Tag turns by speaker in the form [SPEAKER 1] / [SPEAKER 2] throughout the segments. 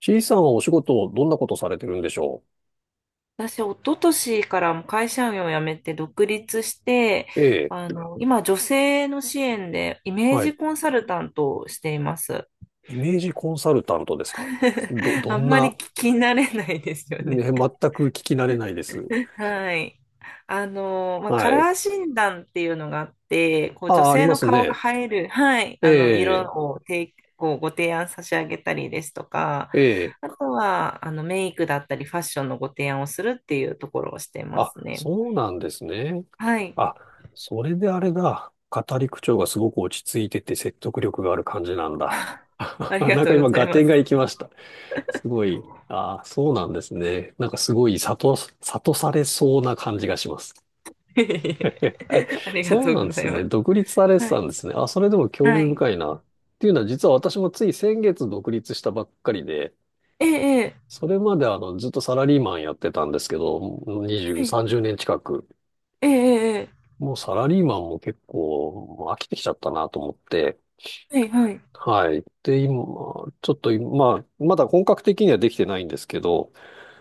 [SPEAKER 1] C さんはお仕事をどんなことされてるんでしょ
[SPEAKER 2] 私、一昨年からもう会社員を辞めて独立して、
[SPEAKER 1] う。ええ、
[SPEAKER 2] 今、女性の支援でイメー
[SPEAKER 1] は
[SPEAKER 2] ジ
[SPEAKER 1] い。
[SPEAKER 2] コンサルタントをしています。
[SPEAKER 1] イメージコンサルタントですか？ど、ど
[SPEAKER 2] あん
[SPEAKER 1] ん
[SPEAKER 2] まり聞
[SPEAKER 1] な、
[SPEAKER 2] き慣れないですよね。
[SPEAKER 1] ね、全く聞き慣れないです。
[SPEAKER 2] はい。カ
[SPEAKER 1] はい。
[SPEAKER 2] ラー診断っていうのがあって、こう女
[SPEAKER 1] あ、あり
[SPEAKER 2] 性
[SPEAKER 1] ま
[SPEAKER 2] の
[SPEAKER 1] す
[SPEAKER 2] 顔が
[SPEAKER 1] ね。
[SPEAKER 2] 映える、はい、
[SPEAKER 1] え
[SPEAKER 2] 色
[SPEAKER 1] え、
[SPEAKER 2] を提こうご提案差し上げたりですとか、
[SPEAKER 1] ええ。
[SPEAKER 2] あとは、メイクだったりファッションのご提案をするっていうところをしてま
[SPEAKER 1] あ、
[SPEAKER 2] すね。
[SPEAKER 1] そうなんですね。
[SPEAKER 2] はい。
[SPEAKER 1] あ、それであれだ。語り口調がすごく落ち着いてて説得力がある感じなんだ。
[SPEAKER 2] ありが
[SPEAKER 1] なん
[SPEAKER 2] と
[SPEAKER 1] か
[SPEAKER 2] うご
[SPEAKER 1] 今、
[SPEAKER 2] ざい
[SPEAKER 1] 合
[SPEAKER 2] ま
[SPEAKER 1] 点
[SPEAKER 2] す。
[SPEAKER 1] がいきました。すごい。ああ、そうなんですね。なんかすごい、悟、悟されそうな感じがします。え
[SPEAKER 2] ありが
[SPEAKER 1] そう
[SPEAKER 2] とう
[SPEAKER 1] なん
[SPEAKER 2] ご
[SPEAKER 1] で
[SPEAKER 2] ざ
[SPEAKER 1] す
[SPEAKER 2] いま
[SPEAKER 1] ね。
[SPEAKER 2] す。
[SPEAKER 1] 独立され
[SPEAKER 2] は
[SPEAKER 1] てた
[SPEAKER 2] い。
[SPEAKER 1] んですね。あ、それでも興
[SPEAKER 2] は
[SPEAKER 1] 味
[SPEAKER 2] い。
[SPEAKER 1] 深いな。っていうのは、実は私もつい先月独立したばっかりで、
[SPEAKER 2] ええ、
[SPEAKER 1] それまでずっとサラリーマンやってたんですけど、
[SPEAKER 2] え
[SPEAKER 1] 20、
[SPEAKER 2] え、
[SPEAKER 1] 30年近く。
[SPEAKER 2] ええ、ええ、
[SPEAKER 1] もうサラリーマンも結構もう飽きてきちゃったなと思って。
[SPEAKER 2] ええ、はい、はい。
[SPEAKER 1] はい。で、今、ちょっと今、まだ本格的にはできてないんですけど、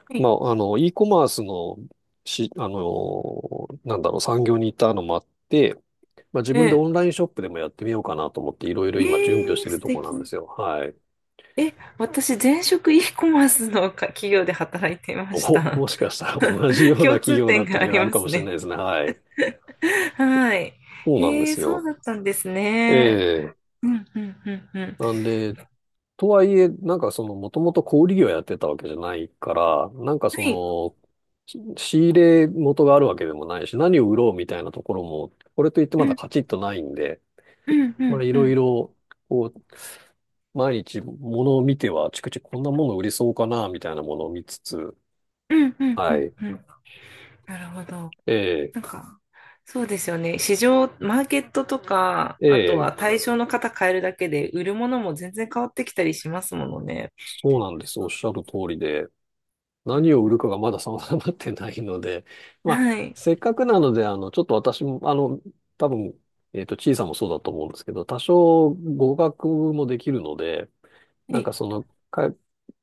[SPEAKER 2] はい。
[SPEAKER 1] e コマースの、し、なんだろう、産業にいたのもあって、まあ、自
[SPEAKER 2] え
[SPEAKER 1] 分でオン
[SPEAKER 2] え、
[SPEAKER 1] ラインショップでもやってみようかなと思っていろいろ今準備をし
[SPEAKER 2] え
[SPEAKER 1] て
[SPEAKER 2] え
[SPEAKER 1] いる
[SPEAKER 2] 素
[SPEAKER 1] ところなんで
[SPEAKER 2] 敵。
[SPEAKER 1] すよ。はい。
[SPEAKER 2] え、私、前職 e コマースの企業で働いていまし
[SPEAKER 1] お、
[SPEAKER 2] た。
[SPEAKER 1] もしかしたら同じよ うな
[SPEAKER 2] 共
[SPEAKER 1] 企
[SPEAKER 2] 通
[SPEAKER 1] 業だ
[SPEAKER 2] 点
[SPEAKER 1] った
[SPEAKER 2] があ
[SPEAKER 1] り
[SPEAKER 2] り
[SPEAKER 1] がある
[SPEAKER 2] ま
[SPEAKER 1] か
[SPEAKER 2] す
[SPEAKER 1] もしれな
[SPEAKER 2] ね。
[SPEAKER 1] いですね。はい。
[SPEAKER 2] はい。
[SPEAKER 1] そうなんで
[SPEAKER 2] ええ、
[SPEAKER 1] す
[SPEAKER 2] そう
[SPEAKER 1] よ。
[SPEAKER 2] だったんです
[SPEAKER 1] え
[SPEAKER 2] ね。
[SPEAKER 1] え。
[SPEAKER 2] うん、うん、うん、うん。
[SPEAKER 1] なんで、とはいえ、なんかその、もともと小売業やってたわけじゃないから、なんかそ
[SPEAKER 2] はい。
[SPEAKER 1] の、し仕入れ元があるわけでもないし、何を売ろうみたいなところも、これといって
[SPEAKER 2] う
[SPEAKER 1] まだ
[SPEAKER 2] ん、
[SPEAKER 1] カチッとないんで、
[SPEAKER 2] うん、うん、
[SPEAKER 1] い
[SPEAKER 2] う
[SPEAKER 1] ろい
[SPEAKER 2] ん、
[SPEAKER 1] ろ、こう、毎日物を見ては、あちくちこんなもの売りそうかな、みたいなものを見つつ、
[SPEAKER 2] うん、うん、う
[SPEAKER 1] は
[SPEAKER 2] ん。
[SPEAKER 1] い。
[SPEAKER 2] うん。なるほど。
[SPEAKER 1] ええ、
[SPEAKER 2] なんか、そうですよね。市場、マーケットとか、
[SPEAKER 1] え
[SPEAKER 2] あと
[SPEAKER 1] え、
[SPEAKER 2] は対象の方変えるだけで、売るものも全然変わってきたりしますものね。
[SPEAKER 1] そうなんです。おっしゃる通りで、
[SPEAKER 2] うん、
[SPEAKER 1] 何を売るかがまだ定まってないので、まあ、
[SPEAKER 2] はい。
[SPEAKER 1] せっかくなので、ちょっと私も、多分、小さんもそうだと思うんですけど、多少語学もできるので、
[SPEAKER 2] は
[SPEAKER 1] なん
[SPEAKER 2] い。
[SPEAKER 1] かその、か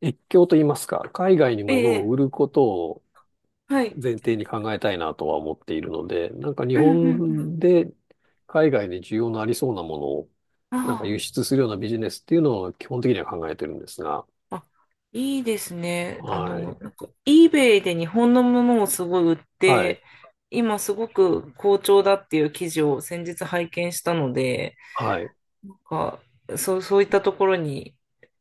[SPEAKER 1] 越境と言いますか、海外に
[SPEAKER 2] え
[SPEAKER 1] 物を
[SPEAKER 2] え、
[SPEAKER 1] 売ることを、
[SPEAKER 2] はい。
[SPEAKER 1] 前提に考えたいなとは思っているので、なんか日
[SPEAKER 2] うん、うん、うん。
[SPEAKER 1] 本で海外で需要のありそうなものを、なんか
[SPEAKER 2] あ
[SPEAKER 1] 輸出するようなビジネスっていうのを基本的には考えてるんですが、
[SPEAKER 2] あ、あ、いいですね。
[SPEAKER 1] はい。
[SPEAKER 2] eBay で日本のものをすごい売っ
[SPEAKER 1] はい。
[SPEAKER 2] て、今すごく好調だっていう記事を先日拝見したので、
[SPEAKER 1] はい。
[SPEAKER 2] なんか、そう、そういったところに、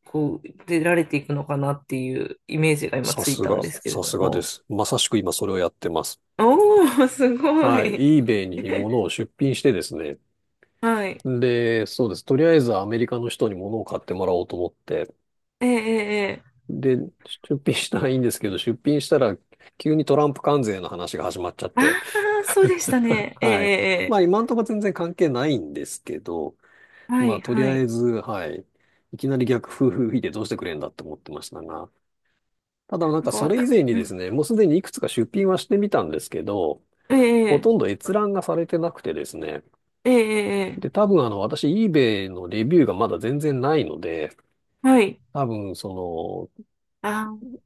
[SPEAKER 2] こう、出られていくのかなっていうイメージが今
[SPEAKER 1] さ
[SPEAKER 2] つい
[SPEAKER 1] す
[SPEAKER 2] たん
[SPEAKER 1] が、
[SPEAKER 2] ですけれ
[SPEAKER 1] さ
[SPEAKER 2] ど
[SPEAKER 1] すがで
[SPEAKER 2] も。
[SPEAKER 1] す。まさしく今それをやってます。
[SPEAKER 2] おー、すご
[SPEAKER 1] はい。
[SPEAKER 2] い。
[SPEAKER 1] eBay に 物を出品してですね。
[SPEAKER 2] はい。
[SPEAKER 1] で、そうです。とりあえずアメリカの人に物を買ってもらおうと思って。
[SPEAKER 2] ええ、ええ、ええ。
[SPEAKER 1] で、出品したらいいんですけど、出品したら急にトランプ関税の話が始まっちゃっ
[SPEAKER 2] あ
[SPEAKER 1] て。
[SPEAKER 2] あー、そうでしたね。ええ、え
[SPEAKER 1] はい。ま
[SPEAKER 2] え、え
[SPEAKER 1] あ今んとこ全然関係ないんですけど、
[SPEAKER 2] え、は
[SPEAKER 1] まあ
[SPEAKER 2] い、
[SPEAKER 1] とり
[SPEAKER 2] は
[SPEAKER 1] あえ
[SPEAKER 2] い。
[SPEAKER 1] ず、はい。いきなり逆風吹いてどうしてくれんだって思ってましたが、ただなん
[SPEAKER 2] なん
[SPEAKER 1] か
[SPEAKER 2] か
[SPEAKER 1] そ
[SPEAKER 2] わ
[SPEAKER 1] れ以
[SPEAKER 2] た、
[SPEAKER 1] 前に
[SPEAKER 2] う
[SPEAKER 1] です
[SPEAKER 2] ん。
[SPEAKER 1] ね、もうすでにいくつか出品はしてみたんですけど、
[SPEAKER 2] え
[SPEAKER 1] ほ
[SPEAKER 2] え、
[SPEAKER 1] とんど閲覧がされてなくてですね、
[SPEAKER 2] ええ、ええ、
[SPEAKER 1] で、
[SPEAKER 2] え
[SPEAKER 1] 多分あの私 eBay のレビューがまだ全然ないので、
[SPEAKER 2] え、はい。
[SPEAKER 1] そ
[SPEAKER 2] あ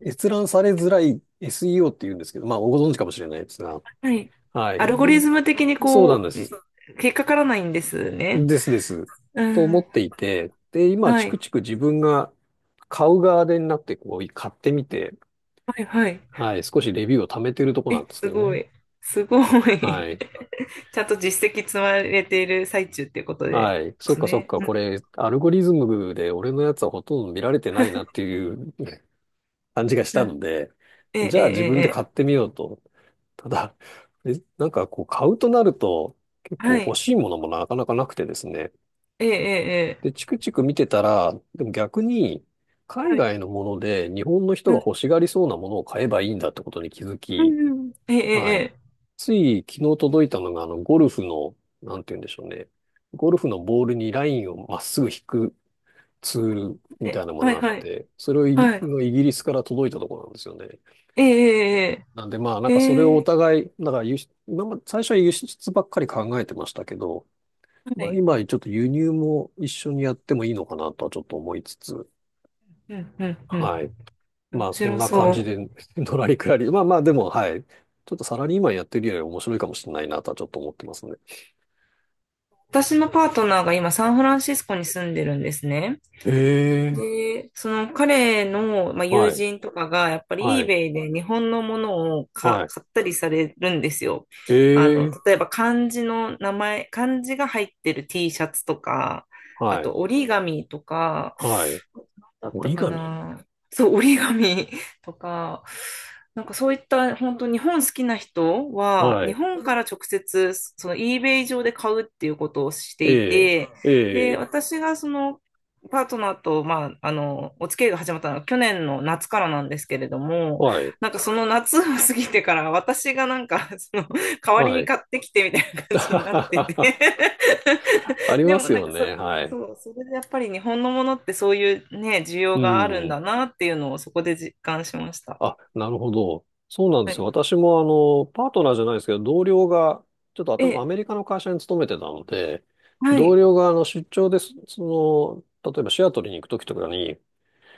[SPEAKER 1] の閲覧されづらい SEO っていうんですけど、まあご存知かもしれないですが、
[SPEAKER 2] あ、はい。
[SPEAKER 1] はい。
[SPEAKER 2] アルゴ
[SPEAKER 1] で
[SPEAKER 2] リズム的に
[SPEAKER 1] そうなん
[SPEAKER 2] こ
[SPEAKER 1] で
[SPEAKER 2] う、
[SPEAKER 1] す。
[SPEAKER 2] そう引っかからないんですね。
[SPEAKER 1] ですです。
[SPEAKER 2] う
[SPEAKER 1] と思
[SPEAKER 2] ん、
[SPEAKER 1] っていて、で、今、
[SPEAKER 2] は
[SPEAKER 1] チ
[SPEAKER 2] い、
[SPEAKER 1] クチク自分が買う側でになって、こう、買ってみて、
[SPEAKER 2] はい、はい。
[SPEAKER 1] はい、少しレビューを貯めてるとこな
[SPEAKER 2] え、
[SPEAKER 1] んですけ
[SPEAKER 2] す
[SPEAKER 1] ど
[SPEAKER 2] ご
[SPEAKER 1] ね。
[SPEAKER 2] い。すごい。
[SPEAKER 1] は い。
[SPEAKER 2] ちゃんと実績積まれている最中っていうことで
[SPEAKER 1] はい。
[SPEAKER 2] で
[SPEAKER 1] そっ
[SPEAKER 2] す
[SPEAKER 1] かそっ
[SPEAKER 2] ね。
[SPEAKER 1] か。こ
[SPEAKER 2] う
[SPEAKER 1] れ、アルゴリズムで俺のやつはほとんど見られてないなっていうね感じがし
[SPEAKER 2] ん、
[SPEAKER 1] た
[SPEAKER 2] う
[SPEAKER 1] の
[SPEAKER 2] ん。
[SPEAKER 1] で、
[SPEAKER 2] ええ、
[SPEAKER 1] じ
[SPEAKER 2] え
[SPEAKER 1] ゃあ自分
[SPEAKER 2] え、
[SPEAKER 1] で買
[SPEAKER 2] ええ、
[SPEAKER 1] ってみようと。ただ、えなんかこう、買うとなると、結
[SPEAKER 2] は
[SPEAKER 1] 構欲
[SPEAKER 2] い。
[SPEAKER 1] しいものもなかなかなくてですね。
[SPEAKER 2] ええ、ええ、
[SPEAKER 1] で、チクチク見てたら、でも逆に、
[SPEAKER 2] え
[SPEAKER 1] 海
[SPEAKER 2] え、は
[SPEAKER 1] 外
[SPEAKER 2] い。
[SPEAKER 1] のもので日本の人が欲しがりそうなものを買えばいいんだってことに気づ
[SPEAKER 2] う
[SPEAKER 1] き、
[SPEAKER 2] ん、うん。え
[SPEAKER 1] はい。
[SPEAKER 2] え、
[SPEAKER 1] つい昨日届いたのが、ゴルフの、なんて言うんでしょうね。ゴルフのボールにラインをまっすぐ引くツール
[SPEAKER 2] ええ、
[SPEAKER 1] みた
[SPEAKER 2] え
[SPEAKER 1] いなも
[SPEAKER 2] え、
[SPEAKER 1] の
[SPEAKER 2] はい、
[SPEAKER 1] があっ
[SPEAKER 2] はい、
[SPEAKER 1] て、それをイギ
[SPEAKER 2] はい。
[SPEAKER 1] イギリスから届いたところなんですよね。
[SPEAKER 2] ええ、
[SPEAKER 1] なんでまあ、な
[SPEAKER 2] え
[SPEAKER 1] ん
[SPEAKER 2] え、ええ、
[SPEAKER 1] かそれを
[SPEAKER 2] へ
[SPEAKER 1] お
[SPEAKER 2] え、
[SPEAKER 1] 互い、だから輸出、今まで最初は輸出ばっかり考えてましたけど、
[SPEAKER 2] は
[SPEAKER 1] まあ
[SPEAKER 2] い。
[SPEAKER 1] 今ちょっと輸入も一緒にやってもいいのかなとはちょっと思いつつ、
[SPEAKER 2] うん、うん、う
[SPEAKER 1] はい。
[SPEAKER 2] ん。
[SPEAKER 1] ま
[SPEAKER 2] 面
[SPEAKER 1] あ、そん
[SPEAKER 2] 白
[SPEAKER 1] な感
[SPEAKER 2] そ
[SPEAKER 1] じ
[SPEAKER 2] う。
[SPEAKER 1] で、のらりくらり。まあまあ、でも、はい。ちょっとサラリーマンやってるより面白いかもしれないなとはちょっと思ってますね。
[SPEAKER 2] 私のパートナーが今サンフランシスコに住んでるんですね。
[SPEAKER 1] ええ。
[SPEAKER 2] で、その彼の、まあ、友
[SPEAKER 1] はい。
[SPEAKER 2] 人とかがやっぱ
[SPEAKER 1] は
[SPEAKER 2] り
[SPEAKER 1] い。
[SPEAKER 2] eBay で日本のものを
[SPEAKER 1] はい。
[SPEAKER 2] 買ったりされるんですよ。
[SPEAKER 1] ええ。
[SPEAKER 2] 例えば漢字の名前、漢字が入ってる T シャツとか、あ
[SPEAKER 1] はい。
[SPEAKER 2] と折り紙とか、
[SPEAKER 1] はい。
[SPEAKER 2] だった
[SPEAKER 1] 折り
[SPEAKER 2] か
[SPEAKER 1] 紙
[SPEAKER 2] な。そう、折り紙 とか、なんかそういった本当日本好きな人は、
[SPEAKER 1] は
[SPEAKER 2] 日
[SPEAKER 1] い。
[SPEAKER 2] 本から直接その eBay 上で買うっていうことをして
[SPEAKER 1] え
[SPEAKER 2] い
[SPEAKER 1] え。
[SPEAKER 2] て、
[SPEAKER 1] え
[SPEAKER 2] で、
[SPEAKER 1] え。
[SPEAKER 2] 私がそのパートナーと、お付き合いが始まったのは去年の夏からなんですけれども、
[SPEAKER 1] はい。
[SPEAKER 2] なんかその夏を過ぎてから私がなんか、その、代わり
[SPEAKER 1] は
[SPEAKER 2] に
[SPEAKER 1] い。
[SPEAKER 2] 買ってきてみたいな感じになってて
[SPEAKER 1] あ り
[SPEAKER 2] で
[SPEAKER 1] ま
[SPEAKER 2] も
[SPEAKER 1] す
[SPEAKER 2] なん
[SPEAKER 1] よ
[SPEAKER 2] か
[SPEAKER 1] ね。はい。
[SPEAKER 2] そう、それでやっぱり日本のものってそういうね、需要
[SPEAKER 1] う
[SPEAKER 2] があるん
[SPEAKER 1] ん。
[SPEAKER 2] だなっていうのをそこで実感しました。
[SPEAKER 1] あ、なるほど。そうなんで
[SPEAKER 2] は
[SPEAKER 1] すよ。
[SPEAKER 2] い。
[SPEAKER 1] 私もあの、パートナーじゃないですけど、同僚が、ちょっとあた
[SPEAKER 2] え、
[SPEAKER 1] アメリカの会社に勤めてたので、
[SPEAKER 2] は
[SPEAKER 1] 同
[SPEAKER 2] い、
[SPEAKER 1] 僚があの出張です、その、例えばシアトルに行くときとかに、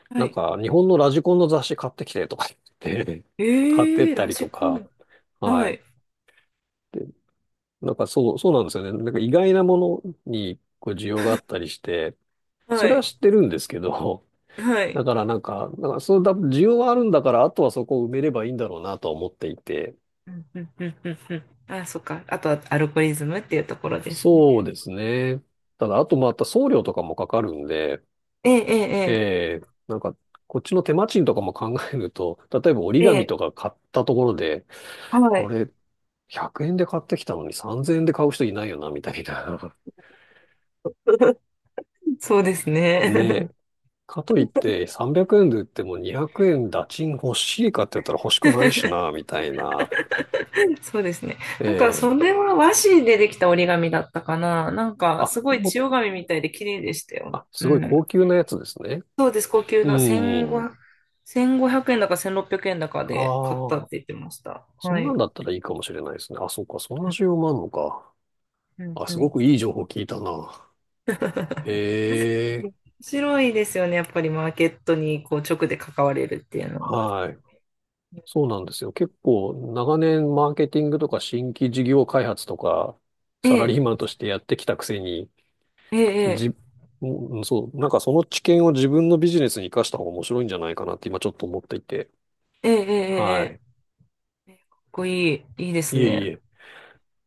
[SPEAKER 2] は
[SPEAKER 1] なん
[SPEAKER 2] い。
[SPEAKER 1] か日本のラジコンの雑誌買ってきてとか言って、
[SPEAKER 2] え
[SPEAKER 1] 買ってっ
[SPEAKER 2] ー、
[SPEAKER 1] た
[SPEAKER 2] ラ
[SPEAKER 1] り
[SPEAKER 2] ジ
[SPEAKER 1] と
[SPEAKER 2] コ
[SPEAKER 1] か、
[SPEAKER 2] ン。
[SPEAKER 1] は
[SPEAKER 2] は
[SPEAKER 1] い。
[SPEAKER 2] い、
[SPEAKER 1] で、なんかそう、そうなんですよね。なんか意外なものにこう需要があったりして、そ
[SPEAKER 2] は
[SPEAKER 1] れは
[SPEAKER 2] い、
[SPEAKER 1] 知ってるんですけど、
[SPEAKER 2] は
[SPEAKER 1] だ
[SPEAKER 2] い。
[SPEAKER 1] からなんか、なんかそうだ、需要はあるんだから、あとはそこを埋めればいいんだろうなとは思っていて、
[SPEAKER 2] うん、うん、うん、うん、うん。あ、そっか。あとはアルゴリズムっていうところですね。
[SPEAKER 1] そうですね。ただ、あとまた送料とかもかかるんで、
[SPEAKER 2] え
[SPEAKER 1] え
[SPEAKER 2] え、え
[SPEAKER 1] えなんか、こっちの手間賃とかも考えると、例えば折り
[SPEAKER 2] え、え
[SPEAKER 1] 紙とか
[SPEAKER 2] え、
[SPEAKER 1] 買ったところで、
[SPEAKER 2] は
[SPEAKER 1] こ
[SPEAKER 2] い。
[SPEAKER 1] れ100円で買ってきたのに3000円で買う人いないよな、みたいな。
[SPEAKER 2] そうです
[SPEAKER 1] ね。
[SPEAKER 2] ね。
[SPEAKER 1] かといって300円で売っても200円打賃欲しいかって言ったら欲しくないしな、みたいな。
[SPEAKER 2] そうですね。なんか、
[SPEAKER 1] ええ
[SPEAKER 2] それは和紙でできた折り紙だったかな。なんか、す
[SPEAKER 1] あ、
[SPEAKER 2] ごい
[SPEAKER 1] も
[SPEAKER 2] 千代
[SPEAKER 1] う、
[SPEAKER 2] 紙みたいで綺麗でしたよ。
[SPEAKER 1] あ、す
[SPEAKER 2] う
[SPEAKER 1] ごい
[SPEAKER 2] ん。
[SPEAKER 1] 高級なやつですね。
[SPEAKER 2] そうです、高級
[SPEAKER 1] う
[SPEAKER 2] な
[SPEAKER 1] ん。
[SPEAKER 2] 1500、1 5円だか1600円だか
[SPEAKER 1] あ
[SPEAKER 2] で買ったって言
[SPEAKER 1] あ。
[SPEAKER 2] ってました。
[SPEAKER 1] そ
[SPEAKER 2] は
[SPEAKER 1] んなん
[SPEAKER 2] い。
[SPEAKER 1] だったらいいかもしれないですね。あ、そうか、そんな需要もあるのか。
[SPEAKER 2] うん、
[SPEAKER 1] あ、
[SPEAKER 2] うん、う
[SPEAKER 1] すご
[SPEAKER 2] ん。
[SPEAKER 1] くいい情報聞いたな。へえ、
[SPEAKER 2] 面白いですよね、やっぱりマーケットにこう直で関われるっていうの。
[SPEAKER 1] はい。そうなんですよ。結構、長年マーケティングとか新規事業開発とか、
[SPEAKER 2] え
[SPEAKER 1] サラ
[SPEAKER 2] え、
[SPEAKER 1] リーマンとしてやってきたくせに、
[SPEAKER 2] ええ、
[SPEAKER 1] じ、うんそう、なんかその知見を自分のビジネスに活かした方が面白いんじゃないかなって今ちょっと思っていて。
[SPEAKER 2] ええ、ええ、え
[SPEAKER 1] は
[SPEAKER 2] え、え
[SPEAKER 1] い。
[SPEAKER 2] え。かっこいい、いいです
[SPEAKER 1] いえい
[SPEAKER 2] ね。
[SPEAKER 1] え。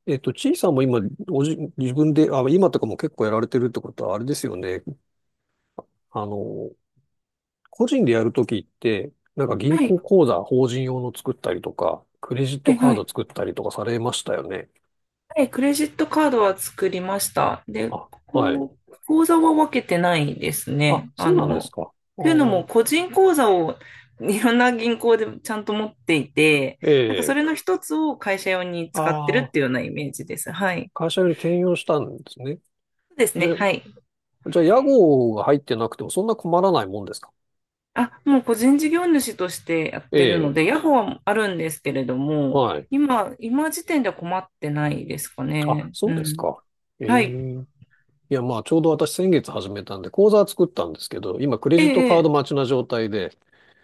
[SPEAKER 1] ちいさんも今、おじ、自分で、あ、今とかも結構やられてるってことは、あれですよね。あの、個人でやるときって、なんか銀
[SPEAKER 2] はい、
[SPEAKER 1] 行口座、法人用の作ったりとか、クレジッ
[SPEAKER 2] は
[SPEAKER 1] ト
[SPEAKER 2] い、
[SPEAKER 1] カ
[SPEAKER 2] は
[SPEAKER 1] ード
[SPEAKER 2] い。
[SPEAKER 1] 作ったりとかされましたよね。
[SPEAKER 2] はい、クレジットカードは作りました。で、
[SPEAKER 1] あ、はい。
[SPEAKER 2] こう、口座は分けてないです
[SPEAKER 1] あ、
[SPEAKER 2] ね。
[SPEAKER 1] そうなんですか。あ
[SPEAKER 2] というのも、
[SPEAKER 1] ー
[SPEAKER 2] 個人口座をいろんな銀行でちゃんと持っていて、
[SPEAKER 1] え
[SPEAKER 2] なんかそ
[SPEAKER 1] え。
[SPEAKER 2] れの一つを会社用に使ってる
[SPEAKER 1] あ
[SPEAKER 2] っていう
[SPEAKER 1] あ、
[SPEAKER 2] ようなイメージです。はい。
[SPEAKER 1] 会社に転用したんですね。
[SPEAKER 2] そうです
[SPEAKER 1] じ
[SPEAKER 2] ね。
[SPEAKER 1] ゃ、
[SPEAKER 2] はい。
[SPEAKER 1] じゃあ、屋号が入ってなくてもそんな困らないもんですか？
[SPEAKER 2] あ、もう個人事業主としてやっ
[SPEAKER 1] え
[SPEAKER 2] てるの
[SPEAKER 1] え、
[SPEAKER 2] で、ヤホーはあるんですけれども、
[SPEAKER 1] はい。
[SPEAKER 2] 今時点では困ってないですか
[SPEAKER 1] あ、
[SPEAKER 2] ね。
[SPEAKER 1] そう
[SPEAKER 2] う
[SPEAKER 1] です
[SPEAKER 2] ん。
[SPEAKER 1] か。
[SPEAKER 2] は
[SPEAKER 1] え
[SPEAKER 2] い。
[SPEAKER 1] え。いや、まあ、ちょうど私先月始めたんで、口座は作ったんですけど、今、クレ
[SPEAKER 2] え
[SPEAKER 1] ジットカード
[SPEAKER 2] え、
[SPEAKER 1] 待ちな状態で、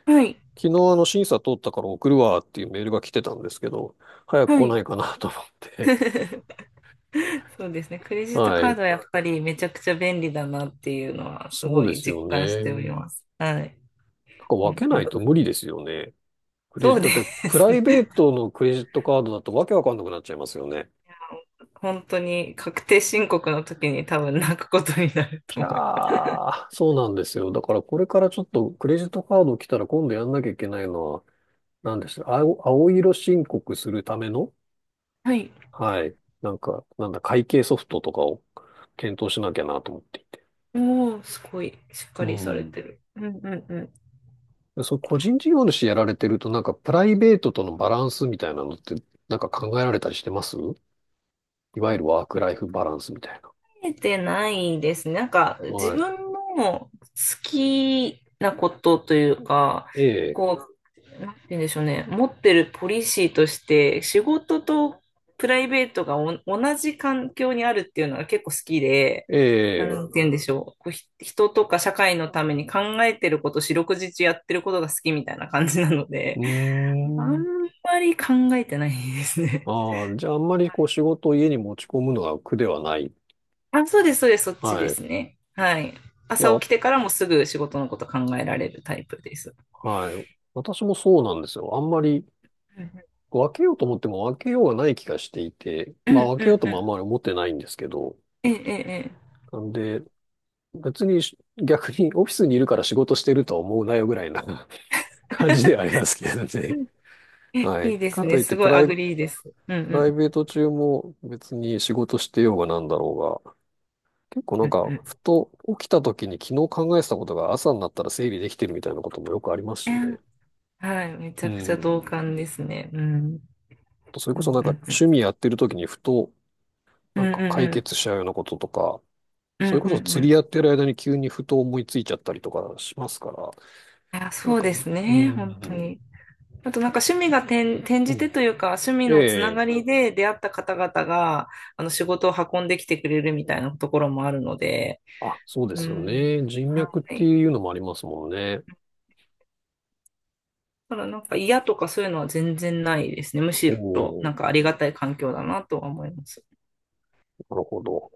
[SPEAKER 2] ええ、はい。
[SPEAKER 1] 昨日あの審査通ったから送るわっていうメールが来てたんですけど、早く
[SPEAKER 2] は
[SPEAKER 1] 来な
[SPEAKER 2] い。
[SPEAKER 1] いかなと思って。
[SPEAKER 2] そうですね。クレ ジット
[SPEAKER 1] は
[SPEAKER 2] カー
[SPEAKER 1] い。
[SPEAKER 2] ドはやっぱりめちゃくちゃ便利だなっていうのはす
[SPEAKER 1] そう
[SPEAKER 2] ご
[SPEAKER 1] で
[SPEAKER 2] い
[SPEAKER 1] す
[SPEAKER 2] 実
[SPEAKER 1] よ
[SPEAKER 2] 感し
[SPEAKER 1] ね。
[SPEAKER 2] ており
[SPEAKER 1] な
[SPEAKER 2] ます。はい。
[SPEAKER 1] んか
[SPEAKER 2] う
[SPEAKER 1] 分
[SPEAKER 2] ん、
[SPEAKER 1] け
[SPEAKER 2] う
[SPEAKER 1] な
[SPEAKER 2] ん。
[SPEAKER 1] いと無理ですよね。クレ
[SPEAKER 2] そ
[SPEAKER 1] ジ、
[SPEAKER 2] うで
[SPEAKER 1] だってプ
[SPEAKER 2] す
[SPEAKER 1] ライベ
[SPEAKER 2] ね。
[SPEAKER 1] ートのクレジットカードだとわけわかんなくなっちゃいますよね。
[SPEAKER 2] 本当に確定申告の時に多分泣くことになる
[SPEAKER 1] じ
[SPEAKER 2] と思います。
[SPEAKER 1] ゃー、そうなんですよ。だからこれからちょっとクレジットカード来たら今度やんなきゃいけないのは、何でした青、青色申告するための、
[SPEAKER 2] はい。
[SPEAKER 1] はい。なんか、なんだ、会計ソフトとかを検討しなきゃなと思っていて。
[SPEAKER 2] おー、すごいしっか
[SPEAKER 1] う
[SPEAKER 2] りされ
[SPEAKER 1] ん。
[SPEAKER 2] てる。うん、うん、うん。
[SPEAKER 1] そう、個人事業主やられてると、なんかプライベートとのバランスみたいなのって、なんか考えられたりしてます？いわゆるワークライフバランスみたいな。
[SPEAKER 2] えてないですね。なんか、自
[SPEAKER 1] はい。
[SPEAKER 2] 分の好きなことというか、
[SPEAKER 1] ええ、
[SPEAKER 2] こう、なんて言うんでしょうね。持ってるポリシーとして、仕事とプライベートが同じ環境にあるっていうのが結構好きで、
[SPEAKER 1] え
[SPEAKER 2] な
[SPEAKER 1] え、
[SPEAKER 2] んて言うんでしょう。こう、人とか社会のために考えてること、四六時中やってることが好きみたいな感じなので、
[SPEAKER 1] うー
[SPEAKER 2] あん
[SPEAKER 1] ん。
[SPEAKER 2] まり考えてないですね。
[SPEAKER 1] ああ、じゃああんまりこう仕事を家に持ち込むのが苦ではない。
[SPEAKER 2] あ、そうです、そうです、そっち
[SPEAKER 1] は
[SPEAKER 2] で
[SPEAKER 1] い。
[SPEAKER 2] す
[SPEAKER 1] い
[SPEAKER 2] ね。はい。朝
[SPEAKER 1] や、わ
[SPEAKER 2] 起きてからもすぐ仕事のこと考えられるタイプです。
[SPEAKER 1] はい。私もそうなんですよ。あんまり
[SPEAKER 2] うん、
[SPEAKER 1] こう分けようと思っても分けようがない気がしていて、
[SPEAKER 2] うん、
[SPEAKER 1] まあ分
[SPEAKER 2] う
[SPEAKER 1] けよ
[SPEAKER 2] ん、
[SPEAKER 1] うと
[SPEAKER 2] う
[SPEAKER 1] もあん
[SPEAKER 2] ん。
[SPEAKER 1] まり思ってないんですけど、
[SPEAKER 2] ええ、え
[SPEAKER 1] なんで、別にし 逆にオフィスにいるから仕事してるとは思うなよぐらいな 感じではありますけど
[SPEAKER 2] え、う
[SPEAKER 1] ね。
[SPEAKER 2] ん、え、
[SPEAKER 1] は
[SPEAKER 2] い
[SPEAKER 1] い。
[SPEAKER 2] いです
[SPEAKER 1] か
[SPEAKER 2] ね。
[SPEAKER 1] といっ
[SPEAKER 2] す
[SPEAKER 1] て
[SPEAKER 2] ご
[SPEAKER 1] プ
[SPEAKER 2] い
[SPEAKER 1] ラ
[SPEAKER 2] ア
[SPEAKER 1] イ、
[SPEAKER 2] グ
[SPEAKER 1] プ
[SPEAKER 2] リーです。うん、うん、
[SPEAKER 1] ライベート中も別に仕事してようがなんだろうが、結構な
[SPEAKER 2] う
[SPEAKER 1] ん
[SPEAKER 2] ん、
[SPEAKER 1] か、ふ
[SPEAKER 2] う
[SPEAKER 1] と起きた時に昨日考えてたことが朝になったら整理できてるみたいなこともよくあります
[SPEAKER 2] ん。
[SPEAKER 1] し
[SPEAKER 2] え、
[SPEAKER 1] ね。
[SPEAKER 2] はい。めち
[SPEAKER 1] う
[SPEAKER 2] ゃくちゃ同
[SPEAKER 1] ん。
[SPEAKER 2] 感ですね。うん。
[SPEAKER 1] それ
[SPEAKER 2] う
[SPEAKER 1] こそ
[SPEAKER 2] ん、
[SPEAKER 1] なん
[SPEAKER 2] う
[SPEAKER 1] か
[SPEAKER 2] ん、うん。
[SPEAKER 1] 趣味やってる時にふと
[SPEAKER 2] う
[SPEAKER 1] な
[SPEAKER 2] ん、
[SPEAKER 1] ん
[SPEAKER 2] う
[SPEAKER 1] か解
[SPEAKER 2] ん、う
[SPEAKER 1] 決しちゃうようなこととか、
[SPEAKER 2] ん。う
[SPEAKER 1] そ
[SPEAKER 2] ん、
[SPEAKER 1] れ
[SPEAKER 2] う
[SPEAKER 1] こそ
[SPEAKER 2] ん、うん。
[SPEAKER 1] 釣
[SPEAKER 2] い
[SPEAKER 1] りやってる間に急にふと思いついちゃったりとかしますから、
[SPEAKER 2] や、
[SPEAKER 1] なん
[SPEAKER 2] そう
[SPEAKER 1] か、
[SPEAKER 2] です
[SPEAKER 1] う
[SPEAKER 2] ね。本当
[SPEAKER 1] ん、
[SPEAKER 2] に。あとなんか趣味が転、転
[SPEAKER 1] う
[SPEAKER 2] じ
[SPEAKER 1] ん、
[SPEAKER 2] てというか、趣味
[SPEAKER 1] え
[SPEAKER 2] のつなが
[SPEAKER 1] え、
[SPEAKER 2] りで出会った方々が、仕事を運んできてくれるみたいなところもあるので、
[SPEAKER 1] あ、そうで
[SPEAKER 2] う
[SPEAKER 1] すよ
[SPEAKER 2] ん。
[SPEAKER 1] ね。人
[SPEAKER 2] は
[SPEAKER 1] 脈って
[SPEAKER 2] い。
[SPEAKER 1] いうのもありますもんね。
[SPEAKER 2] ただなんか嫌とかそういうのは全然ないですね。む
[SPEAKER 1] お
[SPEAKER 2] しろな
[SPEAKER 1] お、
[SPEAKER 2] んかありがたい環境だなとは思います。
[SPEAKER 1] なるほど。